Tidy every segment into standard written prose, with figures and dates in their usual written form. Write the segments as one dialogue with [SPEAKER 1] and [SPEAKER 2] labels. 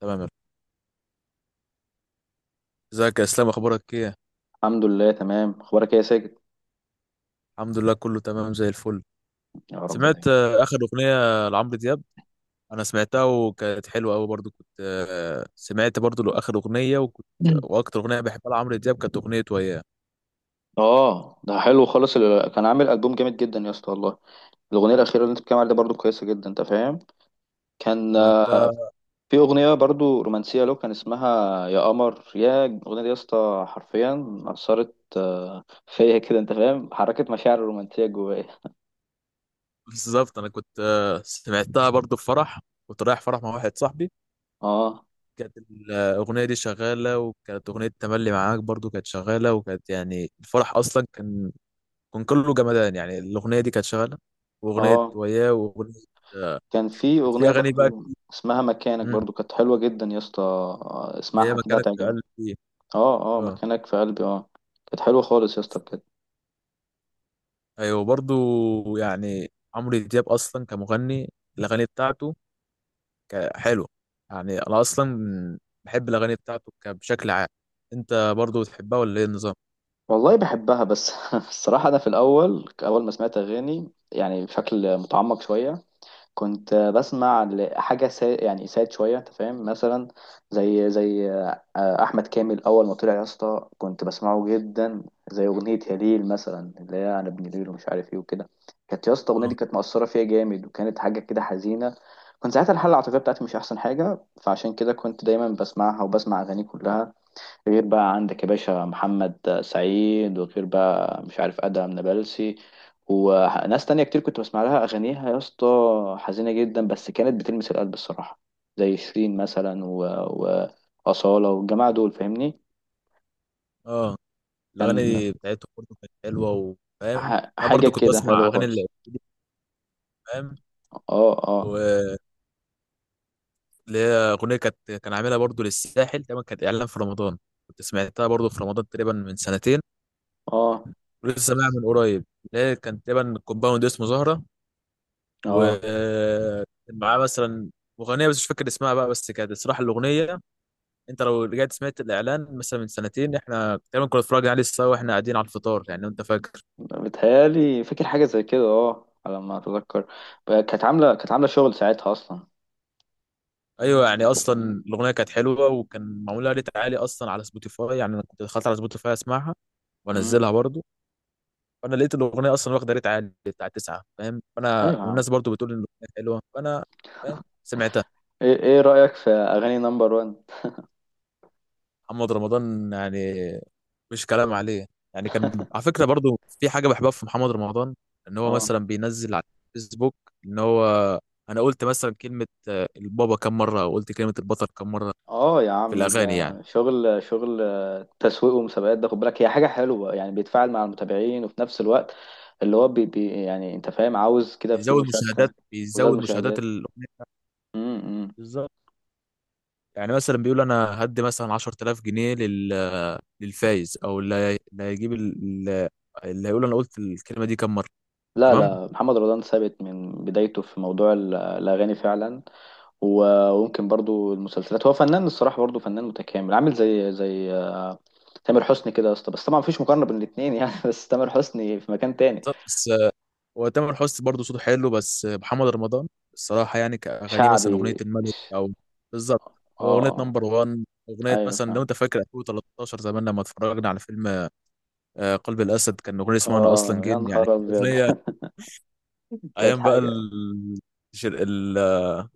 [SPEAKER 1] تمام. ازيك يا اسلام، اخبارك ايه؟
[SPEAKER 2] الحمد لله تمام، اخبارك ايه يا ساجد؟
[SPEAKER 1] الحمد لله كله تمام زي الفل.
[SPEAKER 2] يا رب دايما.
[SPEAKER 1] سمعت اخر اغنيه لعمرو دياب. انا سمعتها وكانت حلوه قوي برضو. كنت سمعت برضو له اخر اغنيه، وكنت
[SPEAKER 2] مم.
[SPEAKER 1] واكتر اغنيه بحبها لعمرو دياب كانت اغنيه وياه.
[SPEAKER 2] اه، ده حلو خالص. كان عامل البوم جامد جدا يا اسطى والله. الاغنيه الاخيره اللي انت بتتكلم عليها دي برضو كويسه جدا، انت فاهم. كان
[SPEAKER 1] فانت
[SPEAKER 2] في اغنيه برضو رومانسيه له، كان اسمها يا قمر. يا الاغنيه دي يا اسطى حرفيا اثرت فيا كده، انت فاهم، حركت مشاعر رومانسيه جوايا.
[SPEAKER 1] بالظبط. انا كنت سمعتها برضو في فرح. كنت رايح فرح مع واحد صاحبي،
[SPEAKER 2] اه
[SPEAKER 1] كانت الاغنيه دي شغاله، وكانت اغنيه تملي معاك برضو كانت شغاله، وكانت يعني الفرح اصلا كان كله جمدان. يعني الاغنيه دي كانت شغاله، واغنيه
[SPEAKER 2] اه.
[SPEAKER 1] وياه واغنيه.
[SPEAKER 2] كان في
[SPEAKER 1] كانت في
[SPEAKER 2] اغنيه
[SPEAKER 1] اغاني بقى.
[SPEAKER 2] برضو اسمها مكانك،
[SPEAKER 1] مم.
[SPEAKER 2] برضو كانت حلوه جدا يا اسطى،
[SPEAKER 1] هي
[SPEAKER 2] اسمعها كده
[SPEAKER 1] مكانك في
[SPEAKER 2] هتعجبك.
[SPEAKER 1] قلبي.
[SPEAKER 2] اه اه،
[SPEAKER 1] اه.
[SPEAKER 2] مكانك في قلبي، اه. كانت حلوة خالص يا اسطى بجد.
[SPEAKER 1] ايوه برضو، يعني عمرو دياب اصلا كمغني الاغاني بتاعته حلوه. يعني انا اصلا بحب الاغاني بتاعته بشكل عام. انت برضو بتحبها ولا ايه النظام؟
[SPEAKER 2] والله بحبها، بس الصراحة أنا في الأول، أول ما سمعت أغاني يعني بشكل متعمق شوية، كنت بسمع يعني ساد شوية، انت فاهم، مثلا زي أحمد كامل. أول ما طلع يا اسطى كنت بسمعه جدا، زي أغنية يا ليل مثلا، اللي هي أنا ابن ليل ومش عارف إيه وكده. كانت يا اسطى الأغنية دي
[SPEAKER 1] اه
[SPEAKER 2] كانت مؤثرة فيا جامد، وكانت حاجة كده حزينة. كنت ساعتها الحالة العاطفية بتاعتي مش أحسن حاجة، فعشان كده كنت دايما بسمعها، وبسمع أغاني كلها غير بقى عندك يا باشا محمد سعيد، وغير بقى مش عارف ادهم نابلسي وناس تانية كتير كنت بسمع لها اغانيها يا اسطى. حزينة جدا بس كانت بتلمس القلب الصراحة، زي شيرين مثلا وأصالة والجماعة دول، فاهمني.
[SPEAKER 1] اه.
[SPEAKER 2] كان
[SPEAKER 1] الاغاني بتاعته برضو كانت حلوه وفاهم. انا
[SPEAKER 2] حاجة
[SPEAKER 1] برضو كنت
[SPEAKER 2] كده
[SPEAKER 1] بسمع
[SPEAKER 2] حلوة
[SPEAKER 1] اغاني اللي
[SPEAKER 2] خالص.
[SPEAKER 1] فاهم،
[SPEAKER 2] اه اه.
[SPEAKER 1] واللي هي اغنيه كانت، كان عاملها برضو للساحل تقريبا، كانت اعلان في رمضان. كنت سمعتها برضو في رمضان تقريبا من سنتين،
[SPEAKER 2] اه
[SPEAKER 1] لسه بقى من قريب. لا، كان تقريبا كومباوند اسمه زهرة،
[SPEAKER 2] اه،
[SPEAKER 1] ومعاه مثلا مغنية بس مش فاكر اسمها بقى. بس كانت الصراحة الأغنية، أنت لو رجعت سمعت الإعلان مثلا من سنتين، إحنا تقريبا كنا اتفرجنا عليه سوا وإحنا قاعدين على الفطار، يعني لو أنت فاكر.
[SPEAKER 2] بتهيألي فاكر حاجة زي كده، اه على ما اتذكر، كانت عاملة، كانت عاملة شغل ساعتها اصلا.
[SPEAKER 1] أيوه، يعني أصلا الأغنية كانت حلوة وكان معمولها ريت عالي أصلا على سبوتيفاي. يعني أنا كنت دخلت على سبوتيفاي أسمعها
[SPEAKER 2] مم.
[SPEAKER 1] وأنزلها برضو. فأنا لقيت الأغنية أصلا واخدة ريت عالي بتاع تسعة، فاهم؟ فأنا
[SPEAKER 2] ايوه يا عم.
[SPEAKER 1] والناس برضو بتقول إن الأغنية حلوة، فأنا فاهم سمعتها.
[SPEAKER 2] إيه رأيك في اغاني نمبر 1؟
[SPEAKER 1] محمد رمضان يعني مش كلام عليه. يعني كان على فكرة برضو في حاجة بحبها في محمد رمضان، ان هو
[SPEAKER 2] اه
[SPEAKER 1] مثلا بينزل على الفيسبوك ان هو انا قلت مثلا كلمة البابا كم مرة، او قلت كلمة البطل كم مرة
[SPEAKER 2] اه يا
[SPEAKER 1] في
[SPEAKER 2] عمي، ده
[SPEAKER 1] الاغاني يعني.
[SPEAKER 2] شغل، شغل تسويق ومسابقات، ده خد بالك، هي حاجة حلوة يعني، بيتفاعل مع المتابعين وفي نفس الوقت اللي هو بي يعني، انت فاهم، عاوز كده في
[SPEAKER 1] بيزود مشاهدات،
[SPEAKER 2] مشاركة وزاد
[SPEAKER 1] بيزود مشاهدات
[SPEAKER 2] مشاهدات.
[SPEAKER 1] الاغنية.
[SPEAKER 2] امم.
[SPEAKER 1] بالظبط. يعني مثلا بيقول انا هدي مثلا 10,000 جنيه لل للفايز، او اللي هيقول انا قلت الكلمة دي كم مرة.
[SPEAKER 2] لا
[SPEAKER 1] تمام.
[SPEAKER 2] لا، محمد رمضان ثابت من بدايته في موضوع الأغاني فعلا. وممكن برضو المسلسلات، هو فنان الصراحة، برضو فنان متكامل، عامل زي تامر حسني كده يا اسطى، بس طبعا مفيش مقارنة بين الاتنين يعني بس تامر حسني في مكان تاني.
[SPEAKER 1] بالظبط. بس وتامر حسني برضه صوته حلو، بس محمد رمضان الصراحة يعني كأغانيه مثلا أغنية
[SPEAKER 2] شعبي.
[SPEAKER 1] الملك، أو بالظبط،
[SPEAKER 2] اه
[SPEAKER 1] أو أغنية
[SPEAKER 2] آه.
[SPEAKER 1] نمبر وان. أغنية
[SPEAKER 2] ايوه
[SPEAKER 1] مثلا لو
[SPEAKER 2] فاهم.
[SPEAKER 1] أنت فاكر 2013، زمان لما اتفرجنا على فيلم قلب الأسد، كان أغنية اسمها أنا أصلا
[SPEAKER 2] اه يا
[SPEAKER 1] جن. يعني
[SPEAKER 2] نهار ابيض
[SPEAKER 1] أغنية
[SPEAKER 2] كانت
[SPEAKER 1] أيام بقى
[SPEAKER 2] حاجه.
[SPEAKER 1] ال... ال...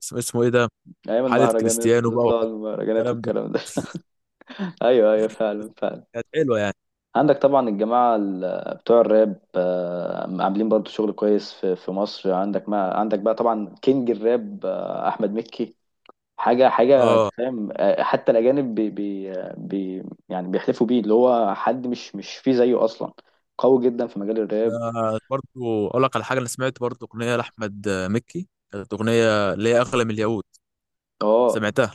[SPEAKER 1] اسمه اسمه إيه ده،
[SPEAKER 2] ايام
[SPEAKER 1] حالة
[SPEAKER 2] المهرجانات،
[SPEAKER 1] كريستيانو بقى
[SPEAKER 2] تطلع المهرجانات
[SPEAKER 1] والكلام ده.
[SPEAKER 2] والكلام ده ايوه ايوه، فعلا فعلا.
[SPEAKER 1] كانت حلوة يعني.
[SPEAKER 2] عندك طبعا الجماعه بتوع الراب عاملين برضو شغل كويس في مصر. عندك ما عندك بقى طبعا كينج الراب احمد مكي، حاجه حاجه،
[SPEAKER 1] أه.
[SPEAKER 2] فاهم، حتى الاجانب بي بي يعني بيحلفوا بيه، اللي هو حد مش فيه زيه اصلا، قوي جدا في مجال الراب.
[SPEAKER 1] برضه أقول لك على حاجة. أنا سمعت برضه أغنية لأحمد مكي، كانت أغنية اللي هي أغلى من الياقوت.
[SPEAKER 2] اه
[SPEAKER 1] سمعتها،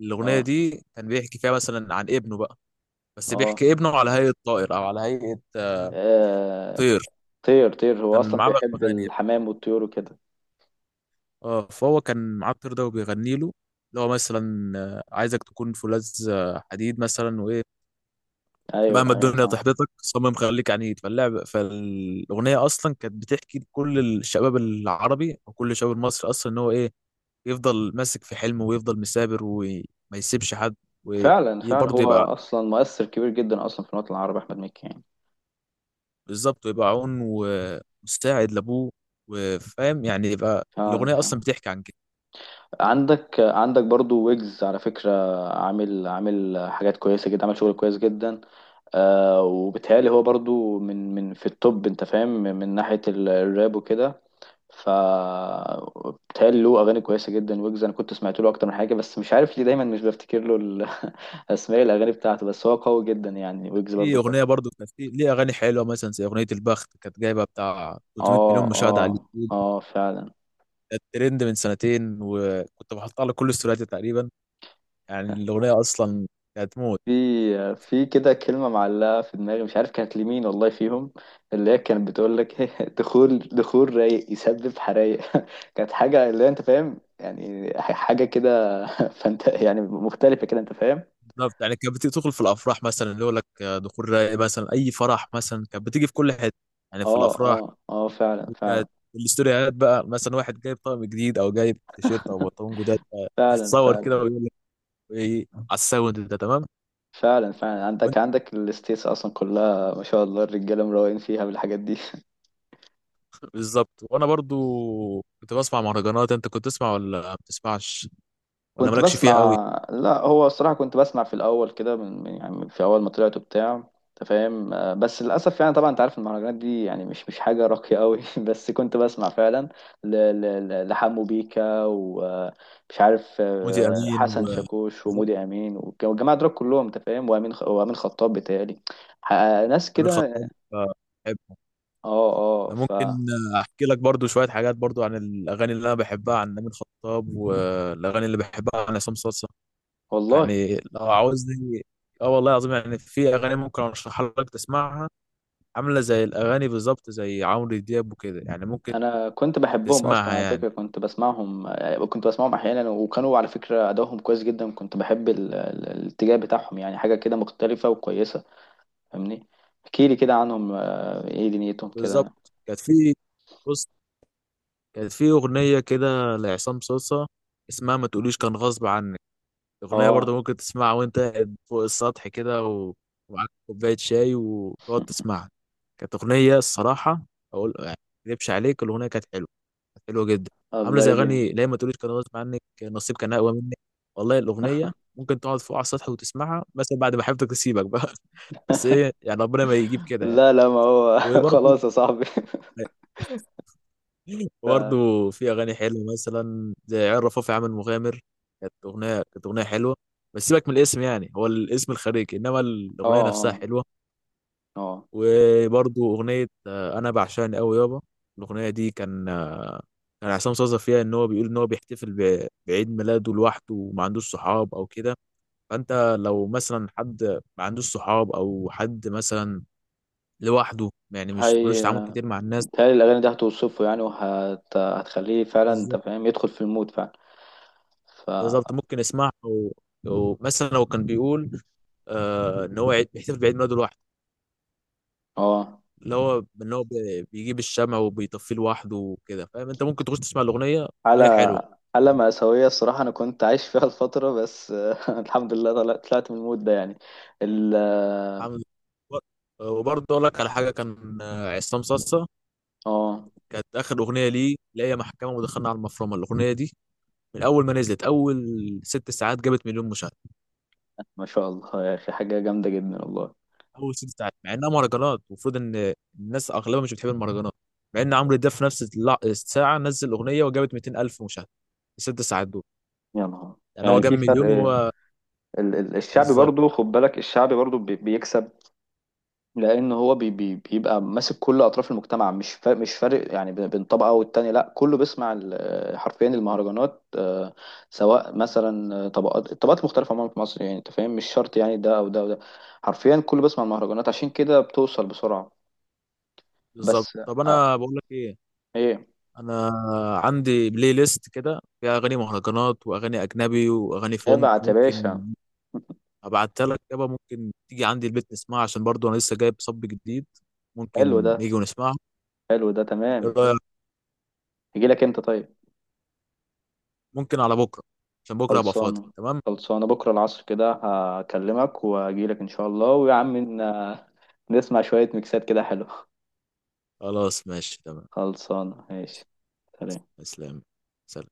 [SPEAKER 1] الأغنية
[SPEAKER 2] اه
[SPEAKER 1] دي كان بيحكي فيها مثلا عن ابنه بقى، بس
[SPEAKER 2] اه.
[SPEAKER 1] بيحكي ابنه على هيئة طائر أو على هيئة
[SPEAKER 2] آه،
[SPEAKER 1] طير.
[SPEAKER 2] طير. طير هو
[SPEAKER 1] كان
[SPEAKER 2] اصلا
[SPEAKER 1] معاه بقى
[SPEAKER 2] بيحب
[SPEAKER 1] أغاني،
[SPEAKER 2] الحمام والطيور وكده.
[SPEAKER 1] اه، فهو كان معاه الطير ده وبيغني له، اللي هو مثلا عايزك تكون فولاذ حديد مثلا، وإيه
[SPEAKER 2] ايوه
[SPEAKER 1] مهما
[SPEAKER 2] ايوه،
[SPEAKER 1] الدنيا
[SPEAKER 2] فعلا
[SPEAKER 1] تحبطك صمم خليك عنيد. فاللعب فالأغنية أصلا كانت بتحكي لكل الشباب العربي أو كل الشباب المصري أصلا إن هو إيه، يفضل ماسك في حلمه، ويفضل مثابر، وما يسيبش حد.
[SPEAKER 2] فعلا. فعلا،
[SPEAKER 1] وبرضه
[SPEAKER 2] هو
[SPEAKER 1] يبقى،
[SPEAKER 2] اصلا مؤثر كبير جدا اصلا في الوطن العربي، احمد مكي يعني.
[SPEAKER 1] بالظبط، ويبقى عون ومساعد لابوه، وفاهم يعني، يبقى
[SPEAKER 2] فعلا
[SPEAKER 1] الاغنيه اصلا
[SPEAKER 2] فعلا.
[SPEAKER 1] بتحكي عن كده.
[SPEAKER 2] عندك برضو ويجز، على فكرة عامل حاجات كويسة جدا، عامل شغل كويس جدا. آه، وبالتهيألي هو برضو من في التوب، انت فاهم، من ناحية الراب وكده. ف بيتهيألي له اغاني كويسه جدا، ويجز انا كنت سمعت له اكتر من حاجه، بس مش عارف ليه دايما مش بفتكر له اسماء الاغاني بتاعته، بس هو قوي جدا يعني، ويجز
[SPEAKER 1] في
[SPEAKER 2] برضو كويس.
[SPEAKER 1] اغنيه برضو كانت في ليه اغاني حلوه مثلا زي اغنيه البخت، كانت جايبه بتاع 300
[SPEAKER 2] اه
[SPEAKER 1] مليون مشاهده على
[SPEAKER 2] اه
[SPEAKER 1] اليوتيوب.
[SPEAKER 2] اه فعلا.
[SPEAKER 1] كانت ترند من سنتين، وكنت بحطها على كل استورياتي تقريبا. يعني الاغنيه اصلا كانت موت.
[SPEAKER 2] في في كده كلمه معلقه في دماغي، مش عارف كانت لمين والله فيهم، اللي هي كانت بتقول لك دخول رايق يسبب حرايق كانت حاجه اللي هي، انت فاهم يعني، حاجه كده فانت يعني مختلفه كده، انت فاهم.
[SPEAKER 1] بالظبط. يعني كانت بتدخل في الافراح، مثلا اللي يقول لك دخول رايق مثلا، اي فرح مثلا كانت بتيجي في كل حته، يعني في
[SPEAKER 2] اه
[SPEAKER 1] الافراح.
[SPEAKER 2] اه اه، فعلا فعلا،
[SPEAKER 1] وكانت الاستوريات بقى مثلا واحد جايب طقم جديد، او جايب تيشيرت او بنطلون جداد،
[SPEAKER 2] فعلا
[SPEAKER 1] تصور كده
[SPEAKER 2] فعلا،
[SPEAKER 1] ويقول لك ايه على الساوند ده، تمام.
[SPEAKER 2] فعلا فعلا.
[SPEAKER 1] وانت
[SPEAKER 2] عندك الستيتس اصلا كلها ما شاء الله، الرجاله مروقين فيها بالحاجات دي
[SPEAKER 1] بالظبط، وانا برضو كنت بسمع مهرجانات. انت كنت تسمع ولا ما بتسمعش، ولا
[SPEAKER 2] كنت
[SPEAKER 1] مالكش فيها قوي؟
[SPEAKER 2] بسمع. لا هو الصراحه كنت بسمع في الاول كده يعني في اول ما طلعت وبتاع، انت فاهم، بس للاسف يعني، طبعا انت عارف المهرجانات دي يعني مش حاجه راقيه قوي بس كنت بسمع فعلا لحمو بيكا، ومش عارف
[SPEAKER 1] مودي امين و
[SPEAKER 2] حسن شاكوش
[SPEAKER 1] كده،
[SPEAKER 2] ومودي امين، والجماعه دول كلهم، انت فاهم، وامين خطاب بتهيألي، ح- ناس
[SPEAKER 1] امين
[SPEAKER 2] كده.
[SPEAKER 1] خطاب بحبه.
[SPEAKER 2] اه اه
[SPEAKER 1] انا
[SPEAKER 2] ف.
[SPEAKER 1] ممكن احكي لك برضو شويه حاجات برضو عن الاغاني اللي انا بحبها عن امين خطاب، والاغاني اللي بحبها عن عصام صاصا،
[SPEAKER 2] والله
[SPEAKER 1] يعني لو عاوزني. اه والله العظيم، يعني في اغاني ممكن ارشحها لك تسمعها، عاملة زي الأغاني بالظبط زي عمرو دياب وكده، يعني ممكن
[SPEAKER 2] انا كنت بحبهم
[SPEAKER 1] تسمعها
[SPEAKER 2] اصلا على
[SPEAKER 1] يعني.
[SPEAKER 2] فكره، كنت بسمعهم، كنت بسمعهم احيانا، وكانوا على فكره ادائهم كويس جدا، كنت بحب الاتجاه بتاعهم، يعني حاجه كده مختلفه وكويسه، فاهمني. احكي لي كده عنهم، ايه دنيتهم كده.
[SPEAKER 1] بالظبط. كانت في، بص، كانت في أغنية كده لعصام صوصة اسمها ما تقوليش كان غصب عنك. أغنية برضه
[SPEAKER 2] اه.
[SPEAKER 1] ممكن تسمعها وأنت قاعد فوق السطح كده، و- ومعاك كوباية شاي، وتقعد تسمعها. كانت أغنية الصراحة، أقول يعني ما أكذبش عليك، الأغنية كانت حلوة، حلو جدا. عامله
[SPEAKER 2] الله
[SPEAKER 1] زي
[SPEAKER 2] يجزيك.
[SPEAKER 1] اغاني لا ما تقوليش كان غصب عنك، نصيب كان اقوى منك. والله الاغنيه ممكن تقعد فوق على السطح وتسمعها مثلا بعد ما حبيبتك تسيبك بقى بس ايه، يعني ربنا ما يجيب كده يعني.
[SPEAKER 2] لا لا، ما هو
[SPEAKER 1] وبرضه
[SPEAKER 2] خلاص يا صاحبي اه
[SPEAKER 1] برضه في اغاني حلوه مثلا زي عيال رفاف يا عم المغامر، كانت اغنيه، كانت اغنيه حلوه. بس سيبك من الاسم، يعني هو الاسم الخارجي، انما الاغنيه نفسها
[SPEAKER 2] اه
[SPEAKER 1] حلوه.
[SPEAKER 2] اه.
[SPEAKER 1] وبرضو أغنية أنا بعشقني أوي يابا، الأغنية دي كان كان عصام صاصا فيها إن هو بيقول إن هو بيحتفل بعيد ميلاده لوحده، وما عندوش صحاب أو كده. فأنت لو مثلا حد ما عندوش صحاب أو حد مثلا لوحده، يعني مش ملوش
[SPEAKER 2] هي
[SPEAKER 1] تعامل كتير مع الناس.
[SPEAKER 2] بتهيألي الأغاني دي هتوصفه يعني، هتخليه فعلا، أنت
[SPEAKER 1] بالظبط.
[SPEAKER 2] فاهم، يدخل في المود فعلا. فا
[SPEAKER 1] بالظبط، ممكن يسمعها و- ومثلا لو كان بيقول آه إن هو بيحتفل بعيد ميلاده لوحده،
[SPEAKER 2] اه،
[SPEAKER 1] اللي هو إن هو بيجيب الشمع وبيطفيه لوحده وكده، فاهم أنت ممكن تخش تسمع الأغنية وهي
[SPEAKER 2] حالة،
[SPEAKER 1] حلوة.
[SPEAKER 2] حالة مأساوية الصراحة، أنا كنت عايش فيها الفترة، بس الحمد لله طلعت، طلعت من المود ده يعني. ال اه
[SPEAKER 1] حمزة. وبرضه اقول لك على حاجه، كان عصام صاصا
[SPEAKER 2] آه،
[SPEAKER 1] كانت اخر اغنيه ليه لا هي محكمه ودخلنا على المفرمه. الاغنيه دي من اول ما نزلت اول ست ساعات جابت مليون مشاهده.
[SPEAKER 2] ما شاء الله يا أخي، حاجة جامدة جدا والله.
[SPEAKER 1] اول ست ساعات، مع انها مهرجانات المفروض ان الناس اغلبها مش بتحب المهرجانات، مع ان عمرو دياب في نفس الساعه نزل اغنيه وجابت 200 الف مشاهده في الست ساعات دول.
[SPEAKER 2] يا نهار.
[SPEAKER 1] يعني هو
[SPEAKER 2] يعني
[SPEAKER 1] جاب
[SPEAKER 2] في
[SPEAKER 1] مليون
[SPEAKER 2] فرق.
[SPEAKER 1] هو.
[SPEAKER 2] الشعبي
[SPEAKER 1] بالظبط.
[SPEAKER 2] برضو خد بالك، الشعبي برضو بيكسب، لان هو بي بيبقى ماسك كل اطراف المجتمع، مش مش فارق يعني بين طبقه والتانيه، لا كله بيسمع حرفيا المهرجانات، سواء مثلا طبقات، الطبقات المختلفه عموما في مصر، يعني انت فاهم، مش شرط يعني ده او ده او ده، حرفيا كله بيسمع المهرجانات عشان كده بتوصل بسرعه.
[SPEAKER 1] بالظبط
[SPEAKER 2] بس.
[SPEAKER 1] طب
[SPEAKER 2] آه،
[SPEAKER 1] انا بقول لك ايه،
[SPEAKER 2] ايه.
[SPEAKER 1] انا عندي بلاي ليست كده فيها اغاني مهرجانات واغاني اجنبي واغاني فونك،
[SPEAKER 2] ابعت يا
[SPEAKER 1] ممكن
[SPEAKER 2] باشا.
[SPEAKER 1] هبعتها لك يابا، ممكن تيجي عندي البيت نسمعها، عشان برضو انا لسه جايب صب جديد،
[SPEAKER 2] حلو
[SPEAKER 1] ممكن
[SPEAKER 2] ده،
[SPEAKER 1] نيجي ونسمعها.
[SPEAKER 2] حلو ده تمام.
[SPEAKER 1] ايه رأيك؟
[SPEAKER 2] يجي لك انت طيب؟
[SPEAKER 1] ممكن على بكره عشان بكره ابقى فاضي،
[SPEAKER 2] خلصانة.
[SPEAKER 1] تمام؟
[SPEAKER 2] خلصانة بكرة العصر كده، هكلمك وأجيلك إن شاء الله، ويا عم إن- نسمع شوية ميكسات كده حلوة.
[SPEAKER 1] خلاص ماشي، تمام.
[SPEAKER 2] خلصانة ماشي. سلام.
[SPEAKER 1] اسلام، سلام.